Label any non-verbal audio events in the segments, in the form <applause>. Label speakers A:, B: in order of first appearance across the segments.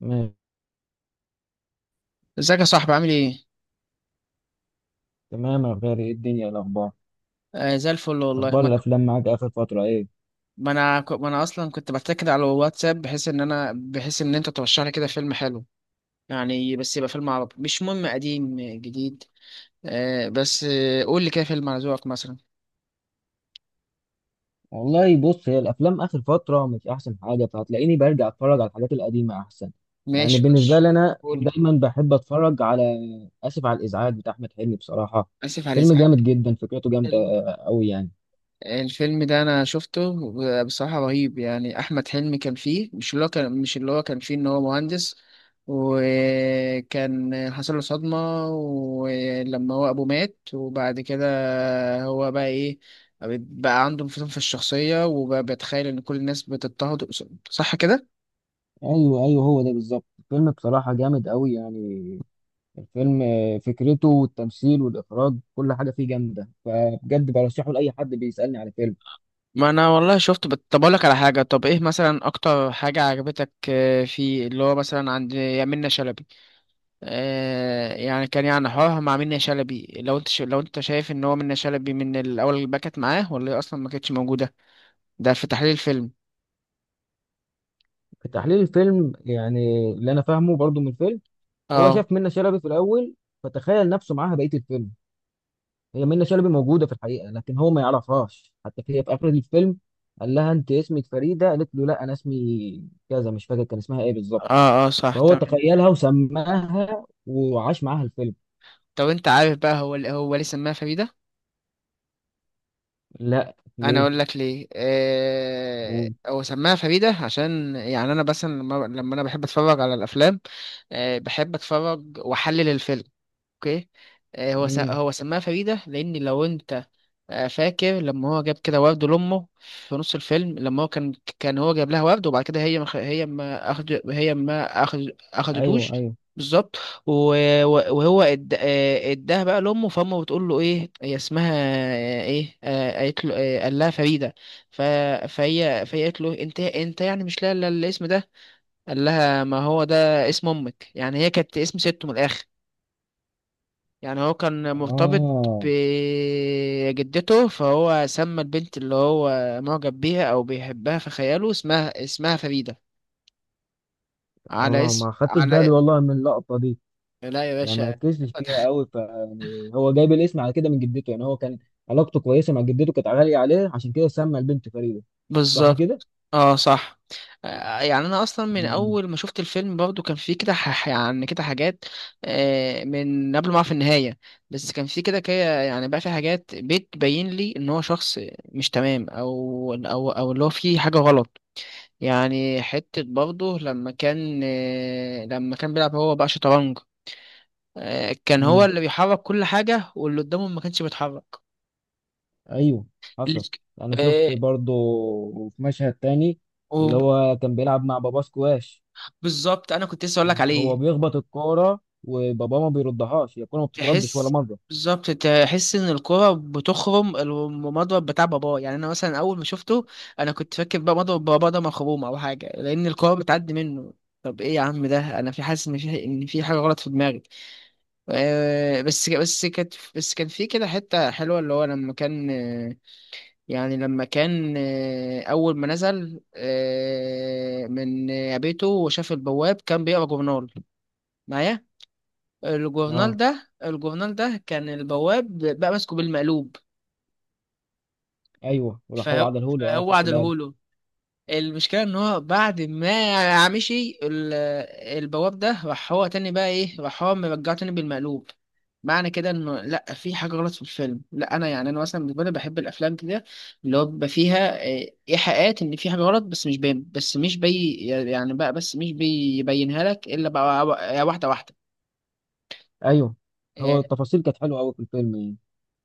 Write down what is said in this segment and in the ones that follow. A: ماشي.
B: ازيك يا صاحبي؟ عامل ايه؟
A: تمام يا غالي، ايه الدنيا؟ إيه الاخبار؟
B: زي الفل. والله
A: اخبار الافلام معاك اخر فتره ايه؟
B: ما انا اصلا كنت بتاكد على الواتساب، بحيث ان انت ترشح لي كده فيلم حلو. يعني بس يبقى فيلم عربي، مش مهم قديم جديد. بس قول لي كده فيلم على ذوقك مثلا.
A: والله بص، هي الافلام اخر فتره مش احسن حاجه، فهتلاقيني برجع اتفرج على الحاجات القديمه احسن. يعني
B: ماشي
A: بالنسبه
B: ماشي.
A: لي انا
B: قول لي.
A: دايما بحب اتفرج على اسف على الازعاج بتاع احمد حلمي بصراحه.
B: اسف على
A: فيلم
B: الازعاج.
A: جامد جدا، فكرته جامده قوي يعني.
B: الفيلم ده انا شفته، بصراحة رهيب. يعني احمد حلمي كان فيه، مش اللي هو كان فيه ان هو مهندس، وكان حصل له صدمة، ولما هو ابوه مات وبعد كده هو بقى ايه؟ بقى عنده انفصام في الشخصية، وبقى بيتخيل ان كل الناس بتضطهد. صح كده؟
A: ايوه ايوه، هو ده بالظبط الفيلم بصراحه جامد قوي يعني. الفيلم فكرته والتمثيل والاخراج كل حاجه فيه جامده، فبجد برشحه لاي حد بيسالني على فيلم.
B: ما انا والله شفت بت- طب اقول لك على حاجة. طب ايه مثلا اكتر حاجة عجبتك فيه؟ اللي هو مثلا عند يا منة شلبي. يعني كان، يعني حوارها مع منة شلبي، لو انت لو انت شايف ان هو منة شلبي من الاول اللي باكت معاه، ولا هي اصلا ما كانتش موجوده؟ ده في تحليل الفيلم.
A: في تحليل الفيلم يعني اللي انا فاهمه برضو من الفيلم، هو
B: اه
A: شاف منة شلبي في الاول فتخيل نفسه معاها بقيه الفيلم. هي منة شلبي موجوده في الحقيقه لكن هو ما يعرفهاش، حتى هي في اخر الفيلم قال لها انت اسمك فريده، قالت له لا انا اسمي كذا، مش فاكر كان اسمها ايه بالظبط.
B: اه صح
A: فهو
B: تمام.
A: تخيلها وسماها وعاش معاها الفيلم.
B: طب انت عارف بقى هو ليه سماها فريده؟
A: لا
B: انا
A: ليه؟
B: اقول لك ليه.
A: قول.
B: هو سماها فريده عشان، يعني انا بس لما انا بحب اتفرج على الافلام، بحب اتفرج واحلل الفيلم. اوكي.
A: امم.
B: هو سماها فريدة، لأن لو أنت فاكر لما هو جاب كده ورد لأمه في نص الفيلم. لما هو كان، كان هو جاب لها ورد، وبعد كده هي ما خ- هي ما أخد هي ما أخد
A: ايوه
B: أخدتوش.
A: ايوه.
B: بالظبط. و- و- وهو إد- آه، اداها بقى لأمه، فأمه بتقول له إيه هي اسمها؟ آه، إيه آه، قالت له آه، قال لها فريدة. ف- فهي قالت له أنت يعني مش لاقي إلا الاسم ده؟ قال لها ما هو ده اسم أمك. يعني هي كانت اسم ست من الآخر، يعني هو كان مرتبط
A: اه
B: بجدته، فهو سمى البنت اللي هو معجب بيها او بيحبها في خياله اسمها فريدة، على
A: اه،
B: اسم
A: ما خدتش بالي
B: على.
A: والله من اللقطه دي،
B: لا يا
A: يعني ما
B: باشا.
A: ركزتش فيها
B: <laughs>
A: قوي. ف يعني هو جايب الاسم على كده من جدته، يعني هو كان علاقته كويسه مع جدته، كانت غاليه عليه عشان كده سمى البنت فريده. صح كده؟
B: بالظبط. اه صح. يعني انا اصلا من
A: مم.
B: اول ما شفت الفيلم برضو كان فيه كده يعني كده حاجات من قبل ما اعرف النهايه. بس كان فيه كده كده، يعني بقى في حاجات بتبين لي ان هو شخص مش تمام. او اللي هو فيه حاجه غلط. يعني حتة برضه لما كان، لما كان بيلعب هو بقى شطرنج. كان هو
A: مم.
B: اللي بيحرك كل حاجة، واللي قدامه ما كانش بيتحرك.
A: ايوه.
B: اللي
A: حصل. انا
B: آه،
A: شفت برضو في مشهد تاني اللي هو كان بيلعب مع باباه سكواش.
B: وبالظبط أنا كنت لسه أقول لك
A: هو
B: عليه.
A: بيخبط الكوره وباباه ما بيردهاش، هي الكوره ما بتتردش ولا
B: تحس،
A: مره.
B: بالظبط تحس إن الكرة بتخرم المضرب بتاع باباه. يعني أنا مثلا أول ما شفته، أنا كنت فاكر بقى مضرب باباه ده مخروم أو حاجة، لأن الكرة بتعدي منه. طب إيه يا عم ده؟ أنا حاسس إن في حاجة غلط في دماغي. بس كان في كده حتة حلوة، اللي هو لما كان أول ما نزل من بيته وشاف البواب كان بيقرا جورنال. معايا؟
A: اه.
B: الجورنال ده كان البواب بقى ماسكه بالمقلوب.
A: ايوه وراح هو
B: فهو
A: عدله له، اه
B: فهو
A: خدت بالي.
B: عدلهوله. المشكلة ان هو بعد ما مشي البواب ده، راح هو تاني بقى ايه، راح هو مرجعه تاني بالمقلوب. معنى كده انه لا، في حاجة غلط في الفيلم. لا انا، يعني انا مثلا بالنسبة لي بحب الافلام كده اللي هو بيبقى فيها ايحاءات ان في حاجة غلط، بس مش باين. بس مش بيبينها لك الا بقى واحدة واحدة.
A: ايوه، هو
B: إيه،
A: التفاصيل كانت حلوه قوي في الفيلم يعني.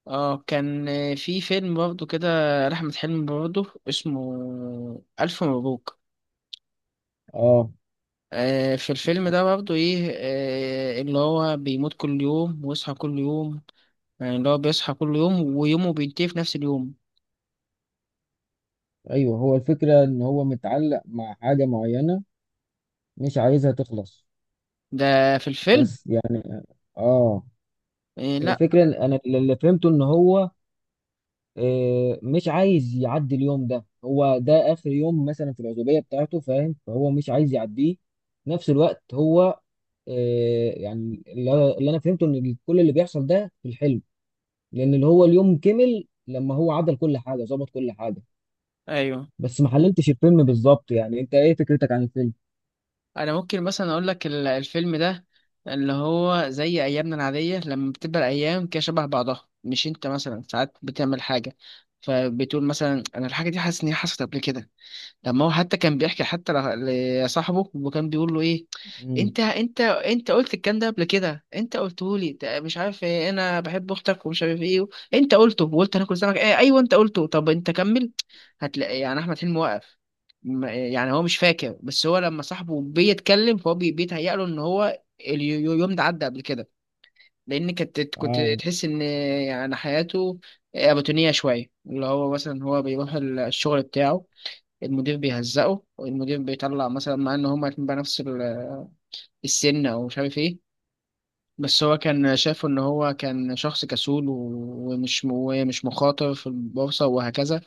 B: اه كان في فيلم برضه كده لأحمد حلمي برضه اسمه ألف مبروك.
A: اه.
B: في الفيلم ده برضه ايه، اللي هو بيموت كل يوم ويصحى كل يوم، يعني اللي هو بيصحى كل يوم ويومه بينتهي في نفس اليوم.
A: ايوه هو الفكره ان هو متعلق مع حاجه معينه، مش عايزها تخلص،
B: ده في الفيلم.
A: بس يعني. اه.
B: إيه لا.
A: الفكره إن انا اللي فهمته ان هو مش عايز يعدي اليوم ده، هو ده اخر يوم مثلا في العزوبيه بتاعته فاهم، فهو مش عايز يعديه. في نفس الوقت هو يعني اللي انا فهمته ان كل اللي بيحصل ده في الحلم، لان اللي هو اليوم كمل لما هو عدل كل حاجه، ظبط كل حاجه.
B: ايوه.
A: بس ما حللتش الفيلم بالظبط، يعني انت ايه فكرتك عن الفيلم؟
B: انا ممكن مثلا اقول لك الفيلم ده، اللي هو زي ايامنا العادية لما بتبقى الايام كده شبه بعضها. مش انت مثلا ساعات بتعمل حاجة فبتقول مثلا انا الحاجة دي حاسس ان هي حصلت قبل كده؟ لما هو حتى كان بيحكي حتى لصاحبه، وكان بيقول له ايه:
A: امم.
B: انت قلت الكلام ده قبل كده. انت قلته لي ده، مش عارف ايه، انا بحب اختك، ومش عارف ايه. انت قلته وقلت هناكل سمك، ايه، ايوه انت قلته. طب انت كمل. هتلاقي يعني احمد حلمي واقف. يعني هو مش فاكر، بس هو لما صاحبه بيتكلم فهو بيتهيأ له ان هو اليوم ده عدى قبل كده. لان كنت
A: اه.
B: تحس ان يعني حياته روتينية شوية. اللي هو مثلا هو بيروح الشغل بتاعه، المدير بيهزقه، والمدير بيطلع مثلا، مع ان هما الاتنين بقى نفس السن، او مش عارف ايه. بس هو كان شايفه ان هو كان شخص كسول ومش مخاطر في البورصة، وهكذا.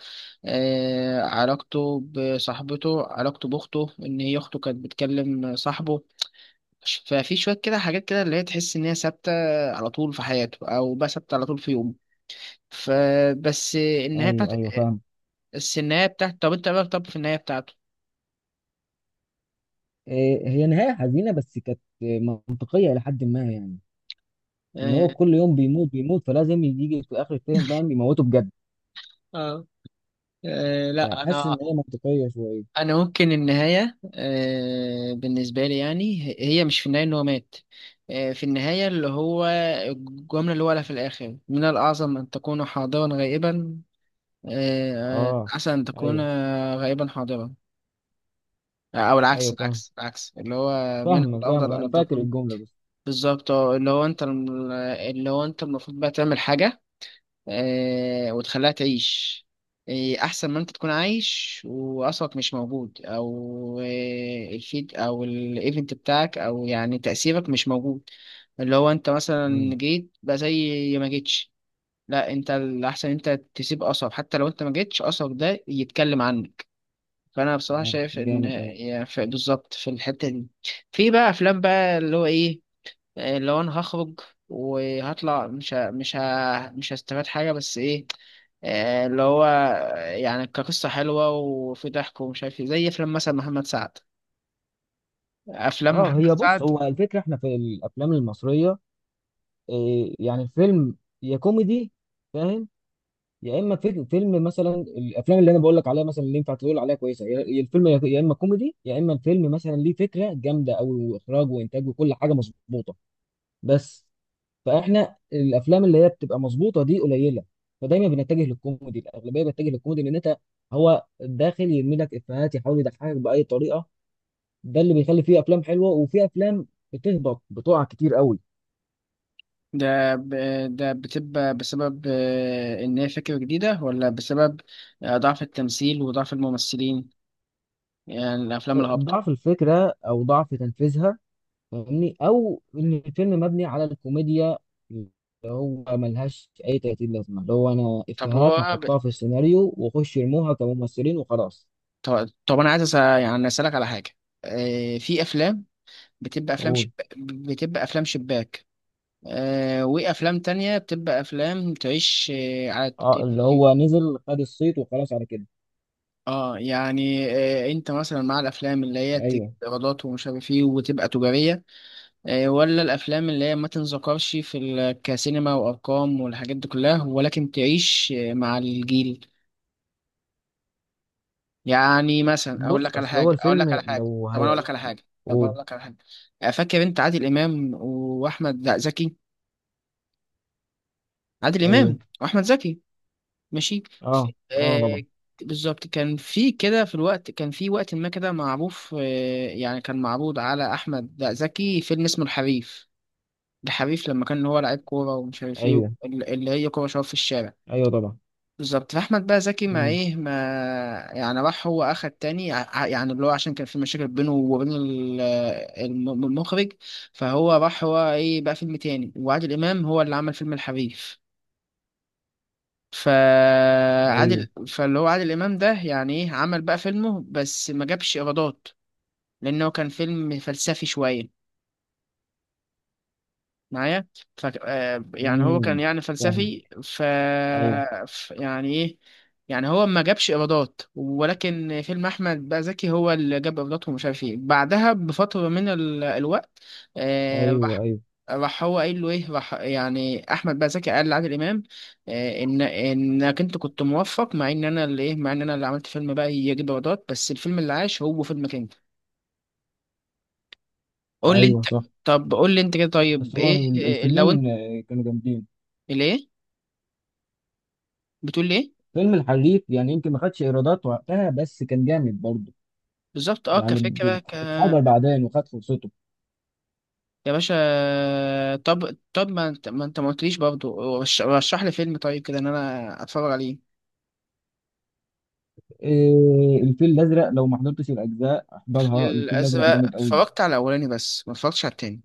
B: آه، علاقته بصاحبته، علاقته باخته، ان هي اخته كانت بتكلم صاحبه. ففي شوية كده حاجات كده اللي هي تحس ان هي ثابتة على طول في حياته، او بقى ثابتة على طول في يومه. فبس النهاية بتاعت
A: ايوه ايوه فاهم.
B: بس النهاية بتاعت، طب انت بقى، طب في النهاية بتاعته
A: إيه، هي نهايه حزينه بس كانت منطقيه الى حد ما يعني، ان
B: آه،
A: هو كل يوم بيموت بيموت فلازم يجي في اخر الفيلم بقى يموته بجد.
B: اه آه لا
A: فحاسس
B: انا.
A: ان هي منطقيه شويه.
B: انا ممكن النهايه بالنسبه لي يعني هي مش في النهايه ان هو مات. في النهايه اللي هو الجمله اللي هو قالها في الاخر: من الاعظم ان تكون حاضرا غائبا.
A: اه.
B: احسن ان تكون
A: ايوه
B: غائبا حاضرا. او العكس
A: ايوه فاهم.
B: العكس العكس، اللي هو من
A: فاهمك فاهمك،
B: الافضل
A: انا
B: ان
A: فاكر
B: تكون.
A: الجمله بس.
B: بالظبط، اللي هو انت، اللي هو انت المفروض بقى تعمل حاجه وتخليها تعيش. أحسن ما أنت تكون عايش وأصلك مش موجود، أو الفيد أو الإيفنت بتاعك، أو يعني تأثيرك مش موجود. اللي هو أنت مثلا
A: امم.
B: جيت بقى زي ما جيتش. لا، أنت الأحسن أنت تسيب أثر، حتى لو أنت ما جيتش أثرك ده يتكلم عنك. فأنا بصراحة
A: اه
B: شايف إن،
A: جامد قوي.
B: يعني بالظبط في الحتة دي. في بقى أفلام بقى اللي هو إيه، اللي هو انا هخرج وهطلع مش هستفاد حاجه، بس ايه، اللي هو يعني كقصه حلوه وفي ضحك ومش عارف ايه، زي افلام مثلا محمد سعد. افلام
A: اه،
B: محمد
A: هي بص هو
B: سعد
A: الفكره احنا في الافلام المصريه، إيه يعني الفيلم، يا كوميدي فاهم، يا اما فيلم مثلا. الافلام اللي انا بقول لك عليها مثلا اللي ينفع تقول عليها كويسه، يا الفيلم يا اما كوميدي، يا اما الفيلم مثلا ليه فكره جامده قوي واخراج وانتاج وكل حاجه مظبوطه بس. فاحنا الافلام اللي هي بتبقى مظبوطه دي قليله، فدايما بنتجه للكوميدي، الاغلبيه بتتجه للكوميدي لان انت هو داخل يرمي لك افيهات يحاول يضحكك باي طريقه. ده اللي بيخلي فيه افلام حلوه وفي افلام بتهبط بتقع كتير قوي.
B: ده ب... ده بتبقى بسبب ان هي فكره جديده، ولا بسبب ضعف التمثيل وضعف الممثلين؟ يعني الافلام الهابطه.
A: ضعف الفكره او ضعف تنفيذها فاهمني، او ان الفيلم مبني على الكوميديا اللي هو ملهاش اي 30 لازمه، اللي هو انا
B: طب
A: افيهات
B: هو ب...
A: هحطها في السيناريو واخش يرموها كممثلين وخلاص.
B: طب انا عايز يعني اسالك على حاجه. في افلام بتبقى افلام شب...
A: اقول.
B: بتبقى افلام شباك، آه، وافلام تانية بتبقى افلام تعيش آه على
A: اه اللي
B: التلفزيون.
A: هو نزل خد الصيت وخلاص على كده.
B: اه، يعني آه انت مثلا مع الافلام اللي هي تجيب
A: ايوه.
B: ايرادات ومش عارف ايه وتبقى تجارية، آه، ولا الافلام اللي هي ما تنذكرش في كسينما وارقام والحاجات دي كلها، ولكن تعيش آه مع الجيل؟ يعني مثلا اقول
A: بص
B: لك على
A: اصل هو
B: حاجة اقول
A: الفيلم
B: لك على حاجة
A: لو
B: طب انا اقول
A: هي.
B: لك على حاجة طب
A: قول.
B: اقول لك على حاجة. فاكر انت عادل امام واحمد، لا زكي، عادل
A: ايوه.
B: امام واحمد زكي؟ ماشي.
A: اه اه
B: آه،
A: طبعا.
B: بالظبط كان في كده في الوقت، كان في وقت ما كده معروف. يعني كان معروض على احمد زكي فيلم اسمه الحريف. الحريف لما كان هو لعيب كوره ومش عارف ايه،
A: ايوه
B: اللي هي كوره شباب في الشارع.
A: ايوه طبعا.
B: بالظبط. فاحمد بقى زكي ما
A: امم.
B: ايه ما، يعني راح هو اخد تاني يعني اللي هو عشان كان في مشاكل بينه وبين المخرج. فهو راح هو ايه بقى فيلم تاني، وعادل امام هو اللي عمل فيلم الحريف.
A: ايوه.
B: فاللي هو عادل امام ده يعني ايه عمل بقى فيلمه، بس ما جابش ايرادات لانه كان فيلم فلسفي شويه. معايا؟ ف آه، يعني هو كان
A: امم.
B: يعني
A: فاهم.
B: فلسفي.
A: ايوه.
B: يعني ايه، يعني هو ما جابش ايرادات، ولكن فيلم احمد بقى زكي هو اللي جاب ايرادات ومش عارف ايه. بعدها بفتره من ال... آه، الوقت
A: ايوه.
B: راح،
A: ايوه.
B: راح هو قايل له ايه راح يعني احمد بقى زكي قال لعادل امام ان انك انت كنت موفق، مع ان انا اللي ايه، مع ان انا اللي عملت فيلم بقى يجيب ايرادات، بس الفيلم اللي عاش هو فيلمك انت. قول لي
A: ايوه
B: انت.
A: صح.
B: طب قول لي انت كده،
A: بس
B: طيب
A: هو
B: ايه لو انت.
A: الفيلمين كانوا جامدين.
B: ليه؟ بتقول ليه؟
A: فيلم الحريف يعني يمكن ما خدش ايرادات وقتها بس كان جامد برضه،
B: بالظبط، اه
A: يعني
B: كفكرة
A: اتحضر بعدين وخد فرصته.
B: يا باشا. طب ما انت ما قلتليش برضه، رشح لي فيلم طيب كده ان انا اتفرج عليه.
A: إيه، الفيل الازرق، لو ما حضرتش الاجزاء
B: الفيل
A: احضرها، الفيل الازرق
B: الازرق
A: جامد قوي.
B: اتفرجت على الاولاني، بس ما اتفرجتش على التاني.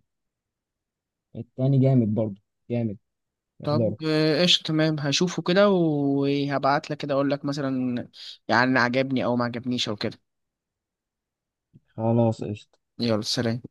A: التاني جامد برضه، جامد.
B: طب
A: احضره.
B: قشطة، تمام هشوفه كده وهبعت لك كده اقول لك مثلا يعني عجبني او ما عجبنيش او كده.
A: خلاص قشطه.
B: يلا سلام.